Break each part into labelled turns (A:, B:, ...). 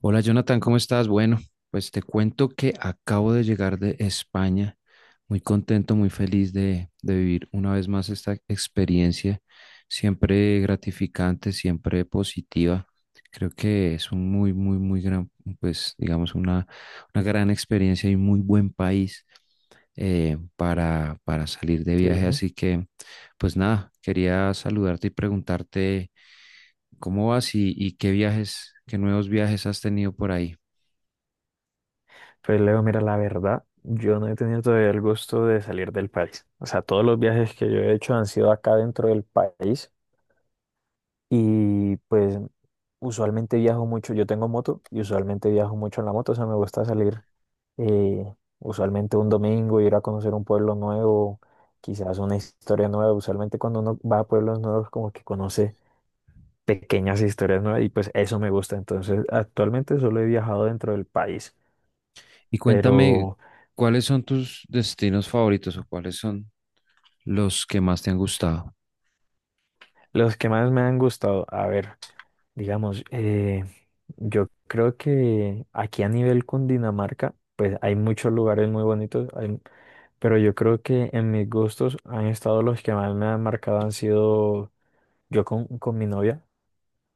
A: Hola Jonathan, ¿cómo estás? Bueno, pues te cuento que acabo de llegar de España, muy contento, muy feliz de vivir una vez más esta experiencia, siempre gratificante, siempre positiva. Creo que es un muy, muy, muy gran, pues digamos, una gran experiencia y muy buen país para salir de viaje.
B: Sí,
A: Así que, pues nada, quería saludarte y preguntarte. ¿Cómo vas y qué viajes, qué nuevos viajes has tenido por ahí?
B: pues Leo, mira, la verdad, yo no he tenido todavía el gusto de salir del país. O sea, todos los viajes que yo he hecho han sido acá dentro del país y pues usualmente viajo mucho, yo tengo moto y usualmente viajo mucho en la moto, o sea, me gusta salir usualmente un domingo, ir a conocer un pueblo nuevo, quizás una historia nueva. Usualmente cuando uno va a pueblos nuevos como que conoce pequeñas historias nuevas y pues eso me gusta. Entonces, actualmente solo he viajado dentro del país,
A: Y cuéntame,
B: pero...
A: ¿cuáles son tus destinos favoritos o cuáles son los que más te han gustado?
B: Los que más me han gustado, a ver, digamos, yo creo que aquí a nivel Cundinamarca, pues hay muchos lugares muy bonitos, pero yo creo que en mis gustos han estado los que más me han marcado han sido yo con mi novia.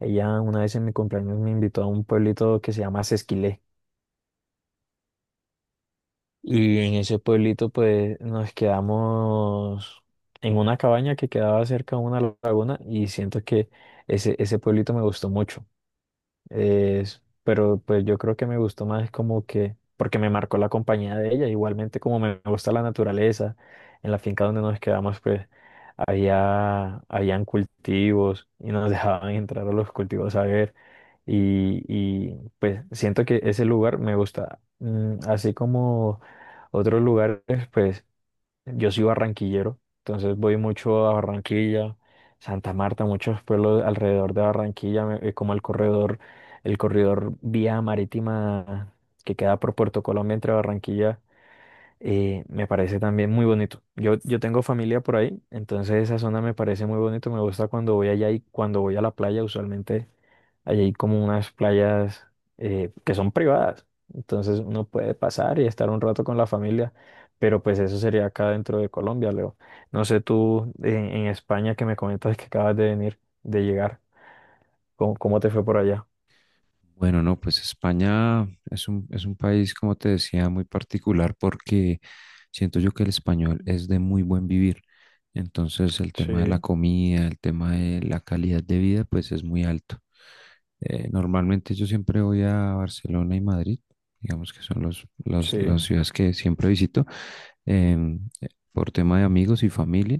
B: Ella una vez en mi cumpleaños me invitó a un pueblito que se llama Sesquilé y en ese pueblito pues nos quedamos en una cabaña que quedaba cerca de una laguna y siento que ese pueblito me gustó mucho. Pero pues yo creo que me gustó más como que, porque me marcó la compañía de ella, igualmente como me gusta la naturaleza, en la finca donde nos quedamos pues habían cultivos y nos dejaban entrar a los cultivos a ver y pues siento que ese lugar me gusta. Mm, así como otros lugares pues yo soy barranquillero, entonces voy mucho a Barranquilla, Santa Marta, muchos pueblos alrededor de Barranquilla, como el corredor vía marítima que queda por Puerto Colombia entre Barranquilla, me parece también muy bonito. Yo tengo familia por ahí, entonces esa zona me parece muy bonito, me gusta cuando voy allá y cuando voy a la playa usualmente. Allí hay como unas playas que son privadas, entonces uno puede pasar y estar un rato con la familia, pero pues eso sería acá dentro de Colombia, Leo. No sé tú en España que me comentas que acabas de venir, de llegar, ¿cómo, cómo te fue por allá?
A: Bueno, no, pues España es es un país, como te decía, muy particular porque siento yo que el español es de muy buen vivir. Entonces el tema de la
B: Sí,
A: comida, el tema de la calidad de vida, pues es muy alto. Normalmente yo siempre voy a Barcelona y Madrid, digamos que son las
B: sí,
A: ciudades que siempre visito, em, eh, por tema de amigos y familia.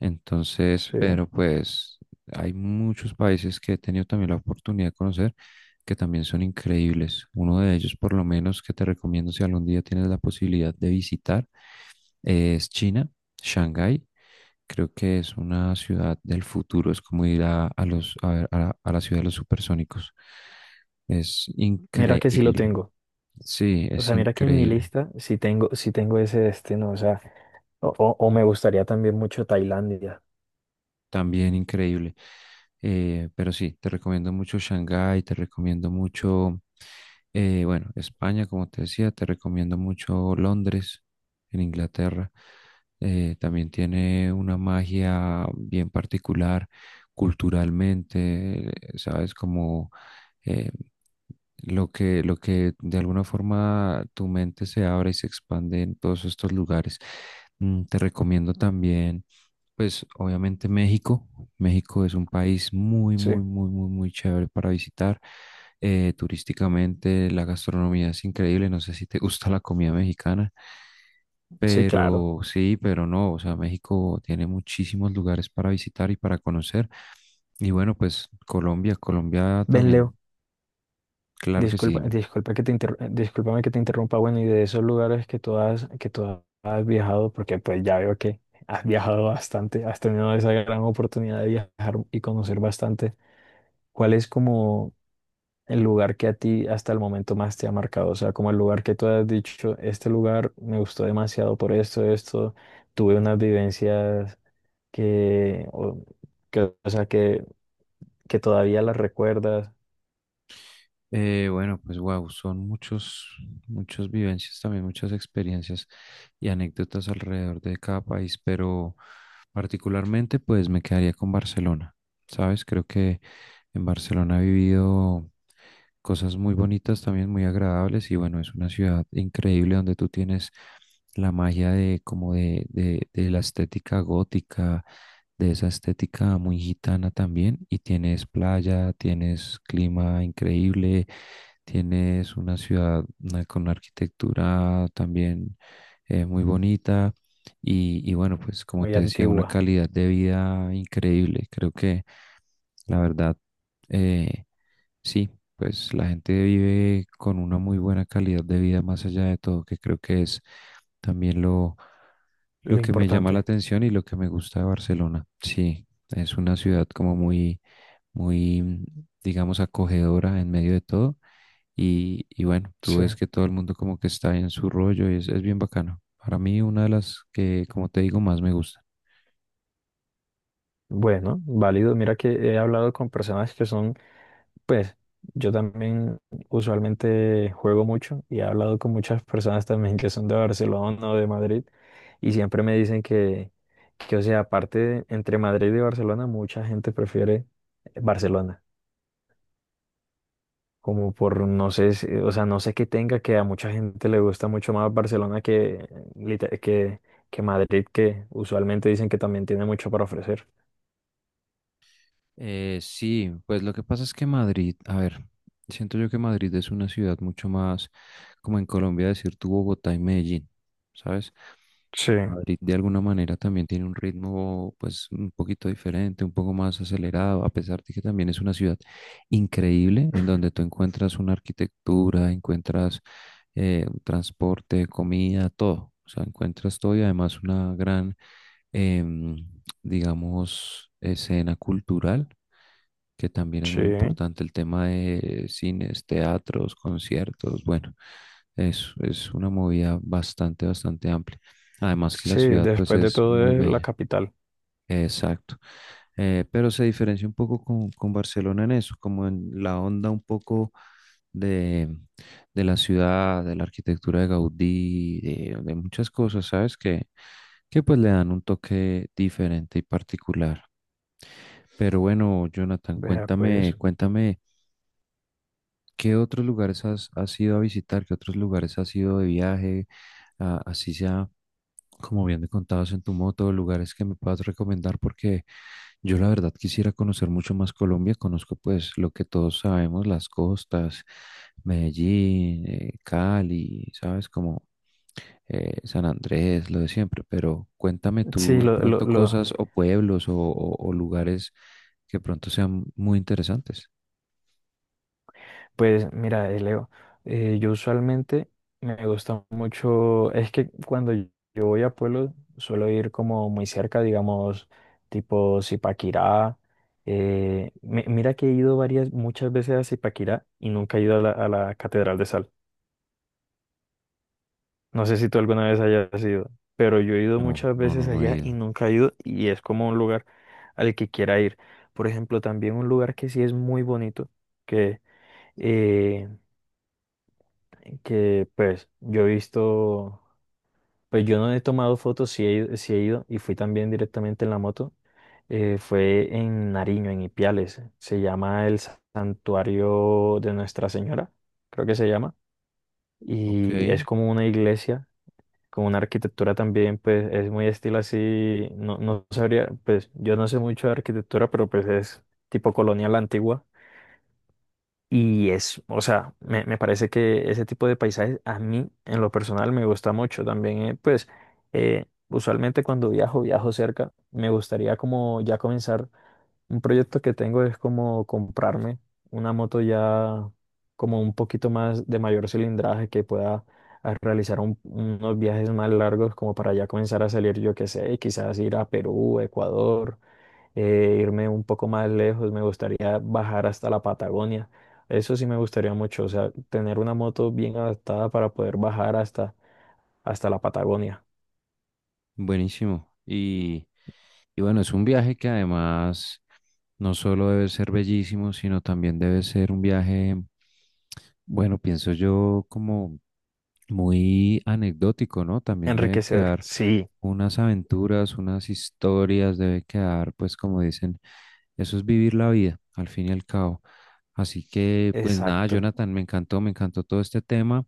A: Entonces,
B: sí.
A: pero pues hay muchos países que he tenido también la oportunidad de conocer que también son increíbles. Uno de ellos, por lo menos, que te recomiendo si algún día tienes la posibilidad de visitar, es China, Shanghái. Creo que es una ciudad del futuro, es como ir a los, a, ver, a la ciudad de los supersónicos. Es
B: Mira que sí lo
A: increíble.
B: tengo.
A: Sí,
B: O
A: es
B: sea, mira que en mi
A: increíble.
B: lista sí tengo ese destino. O sea, o me gustaría también mucho Tailandia.
A: También increíble. Pero sí, te recomiendo mucho Shanghái, te recomiendo mucho, bueno, España, como te decía, te recomiendo mucho Londres, en Inglaterra. También tiene una magia bien particular culturalmente, sabes, como eh, lo lo que de alguna forma tu mente se abre y se expande en todos estos lugares. Mm. Te recomiendo también, pues obviamente México. México es un país muy,
B: Sí,
A: muy, muy, muy, muy chévere para visitar. Turísticamente la gastronomía es increíble. No sé si te gusta la comida mexicana,
B: sí, claro.
A: pero sí, pero no. O sea, México tiene muchísimos lugares para visitar y para conocer. Y bueno, pues Colombia, Colombia
B: Ven, Leo,
A: también. Claro que sí.
B: disculpa, discúlpame que te interrumpa, bueno, y de esos lugares que tú has viajado, porque pues ya veo que has viajado bastante, has tenido esa gran oportunidad de viajar y conocer bastante. ¿Cuál es como el lugar que a ti hasta el momento más te ha marcado? O sea, como el lugar que tú has dicho, este lugar me gustó demasiado por esto, esto, tuve unas vivencias que, o, que, o sea, que todavía las recuerdas,
A: Bueno, pues wow, son muchos, muchas vivencias también, muchas experiencias y anécdotas alrededor de cada país, pero particularmente pues me quedaría con Barcelona, ¿sabes? Creo que en Barcelona he vivido cosas muy bonitas, también muy agradables y bueno, es una ciudad increíble donde tú tienes la magia de como de la estética gótica, de esa estética muy gitana también y tienes playa, tienes clima increíble, tienes una ciudad con una arquitectura también muy bonita y bueno, pues como
B: muy
A: te decía, una
B: antigua,
A: calidad de vida increíble. Creo que la verdad, eh, sí, pues la gente vive con una muy buena calidad de vida más allá de todo, que creo que es también lo
B: lo
A: que me llama la
B: importante.
A: atención y lo que me gusta de Barcelona. Sí, es una ciudad como muy, muy, mm, digamos, acogedora en medio de todo. Y bueno, tú
B: Sí.
A: ves que todo el mundo como que está en su rollo y es bien bacano. Para mí, una de las que, como te digo, más me gusta.
B: Bueno, válido. Mira que he hablado con personas que son, pues, yo también usualmente juego mucho y he hablado con muchas personas también que son de Barcelona o de Madrid y siempre me dicen que, o sea, entre Madrid y Barcelona, mucha gente prefiere Barcelona, como por, no sé, o sea, no sé qué tenga que a mucha gente le gusta mucho más Barcelona que que Madrid, que usualmente dicen que también tiene mucho para ofrecer.
A: Sí, pues lo que pasa es que Madrid, a ver, siento yo que Madrid es una ciudad mucho más, como en Colombia decir tu Bogotá y Medellín, ¿sabes?
B: Sí,
A: Madrid de alguna manera también tiene un ritmo pues un poquito diferente, un poco más acelerado, a pesar de que también es una ciudad increíble en donde tú encuentras una arquitectura, encuentras transporte, comida, todo. O sea, encuentras todo y además una gran, em, digamos, escena cultural, que también es
B: sí.
A: muy importante el tema de cines, teatros, conciertos, bueno, es una movida bastante, bastante amplia. Además que la
B: Sí,
A: ciudad pues
B: después de
A: es
B: todo
A: muy
B: es la
A: bella,
B: capital.
A: exacto. Pero se diferencia un poco con Barcelona en eso, como en la onda un poco de, de la ciudad, de la arquitectura de Gaudí, de muchas cosas, ¿sabes? Que pues le dan un toque diferente y particular. Pero bueno, Jonathan,
B: Vea,
A: cuéntame,
B: pues.
A: cuéntame. ¿Qué otros lugares has, has ido a visitar? ¿Qué otros lugares has ido de viaje? Ah, así sea, como bien me contabas en tu moto, lugares que me puedas recomendar porque yo la verdad quisiera conocer mucho más Colombia. Conozco pues lo que todos sabemos, las costas, Medellín, Cali, ¿sabes? Como San Andrés, lo de siempre. Pero cuéntame
B: Sí,
A: tú de
B: lo, lo,
A: pronto
B: lo-
A: cosas o pueblos o lugares que pronto sean muy interesantes.
B: pues mira, Leo, yo usualmente me gusta mucho, es que cuando yo yo voy a pueblos suelo ir como muy cerca, digamos, tipo Zipaquirá. Mira que he ido varias, muchas veces a Zipaquirá y nunca he ido a a la Catedral de Sal. No sé si tú alguna vez hayas ido, pero yo he ido
A: No,
B: muchas
A: no,
B: veces
A: no, no he
B: allá y
A: ido.
B: nunca he ido y es como un lugar al que quiera ir. Por ejemplo, también un lugar que sí es muy bonito, que, eh, que pues yo he visto, pues yo no he tomado fotos, sí he ido y fui también directamente en la moto, fue en Nariño, en Ipiales, se llama el Santuario de Nuestra Señora, creo que se llama,
A: Ok,
B: y es como una iglesia con una arquitectura también, pues es muy estilo así, no, no sabría, pues yo no sé mucho de arquitectura, pero pues es tipo colonial antigua. Y es, o sea, me parece que ese tipo de paisajes a mí en lo personal me gusta mucho también, usualmente cuando viajo, viajo cerca, me gustaría como ya comenzar. Un proyecto que tengo es como comprarme una moto ya como un poquito más de mayor cilindraje que pueda realizar unos viajes más largos como para ya comenzar a salir, yo qué sé, quizás ir a Perú, Ecuador, irme un poco más lejos, me gustaría bajar hasta la Patagonia. Eso sí me gustaría mucho, o sea, tener una moto bien adaptada para poder bajar hasta, hasta la Patagonia.
A: buenísimo. Y bueno, es un viaje que además no solo debe ser bellísimo, sino también debe ser un viaje, bueno, pienso yo como muy anecdótico, ¿no? También debe
B: Enriquecedor.
A: quedar
B: Sí,
A: unas aventuras, unas historias, debe quedar, pues como dicen, eso es vivir la vida, al fin y al cabo. Así que, pues nada,
B: exacto.
A: Jonathan, me encantó todo este tema.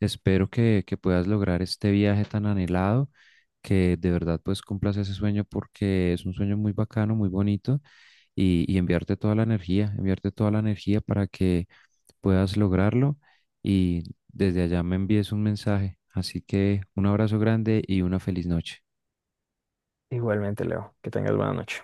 A: Espero que puedas lograr este viaje tan anhelado, que de verdad pues cumplas ese sueño porque es un sueño muy bacano, muy bonito y enviarte toda la energía, enviarte toda la energía para que puedas lograrlo y desde allá me envíes un mensaje. Así que un abrazo grande y una feliz noche.
B: Igualmente, Leo, que tengas buena noche.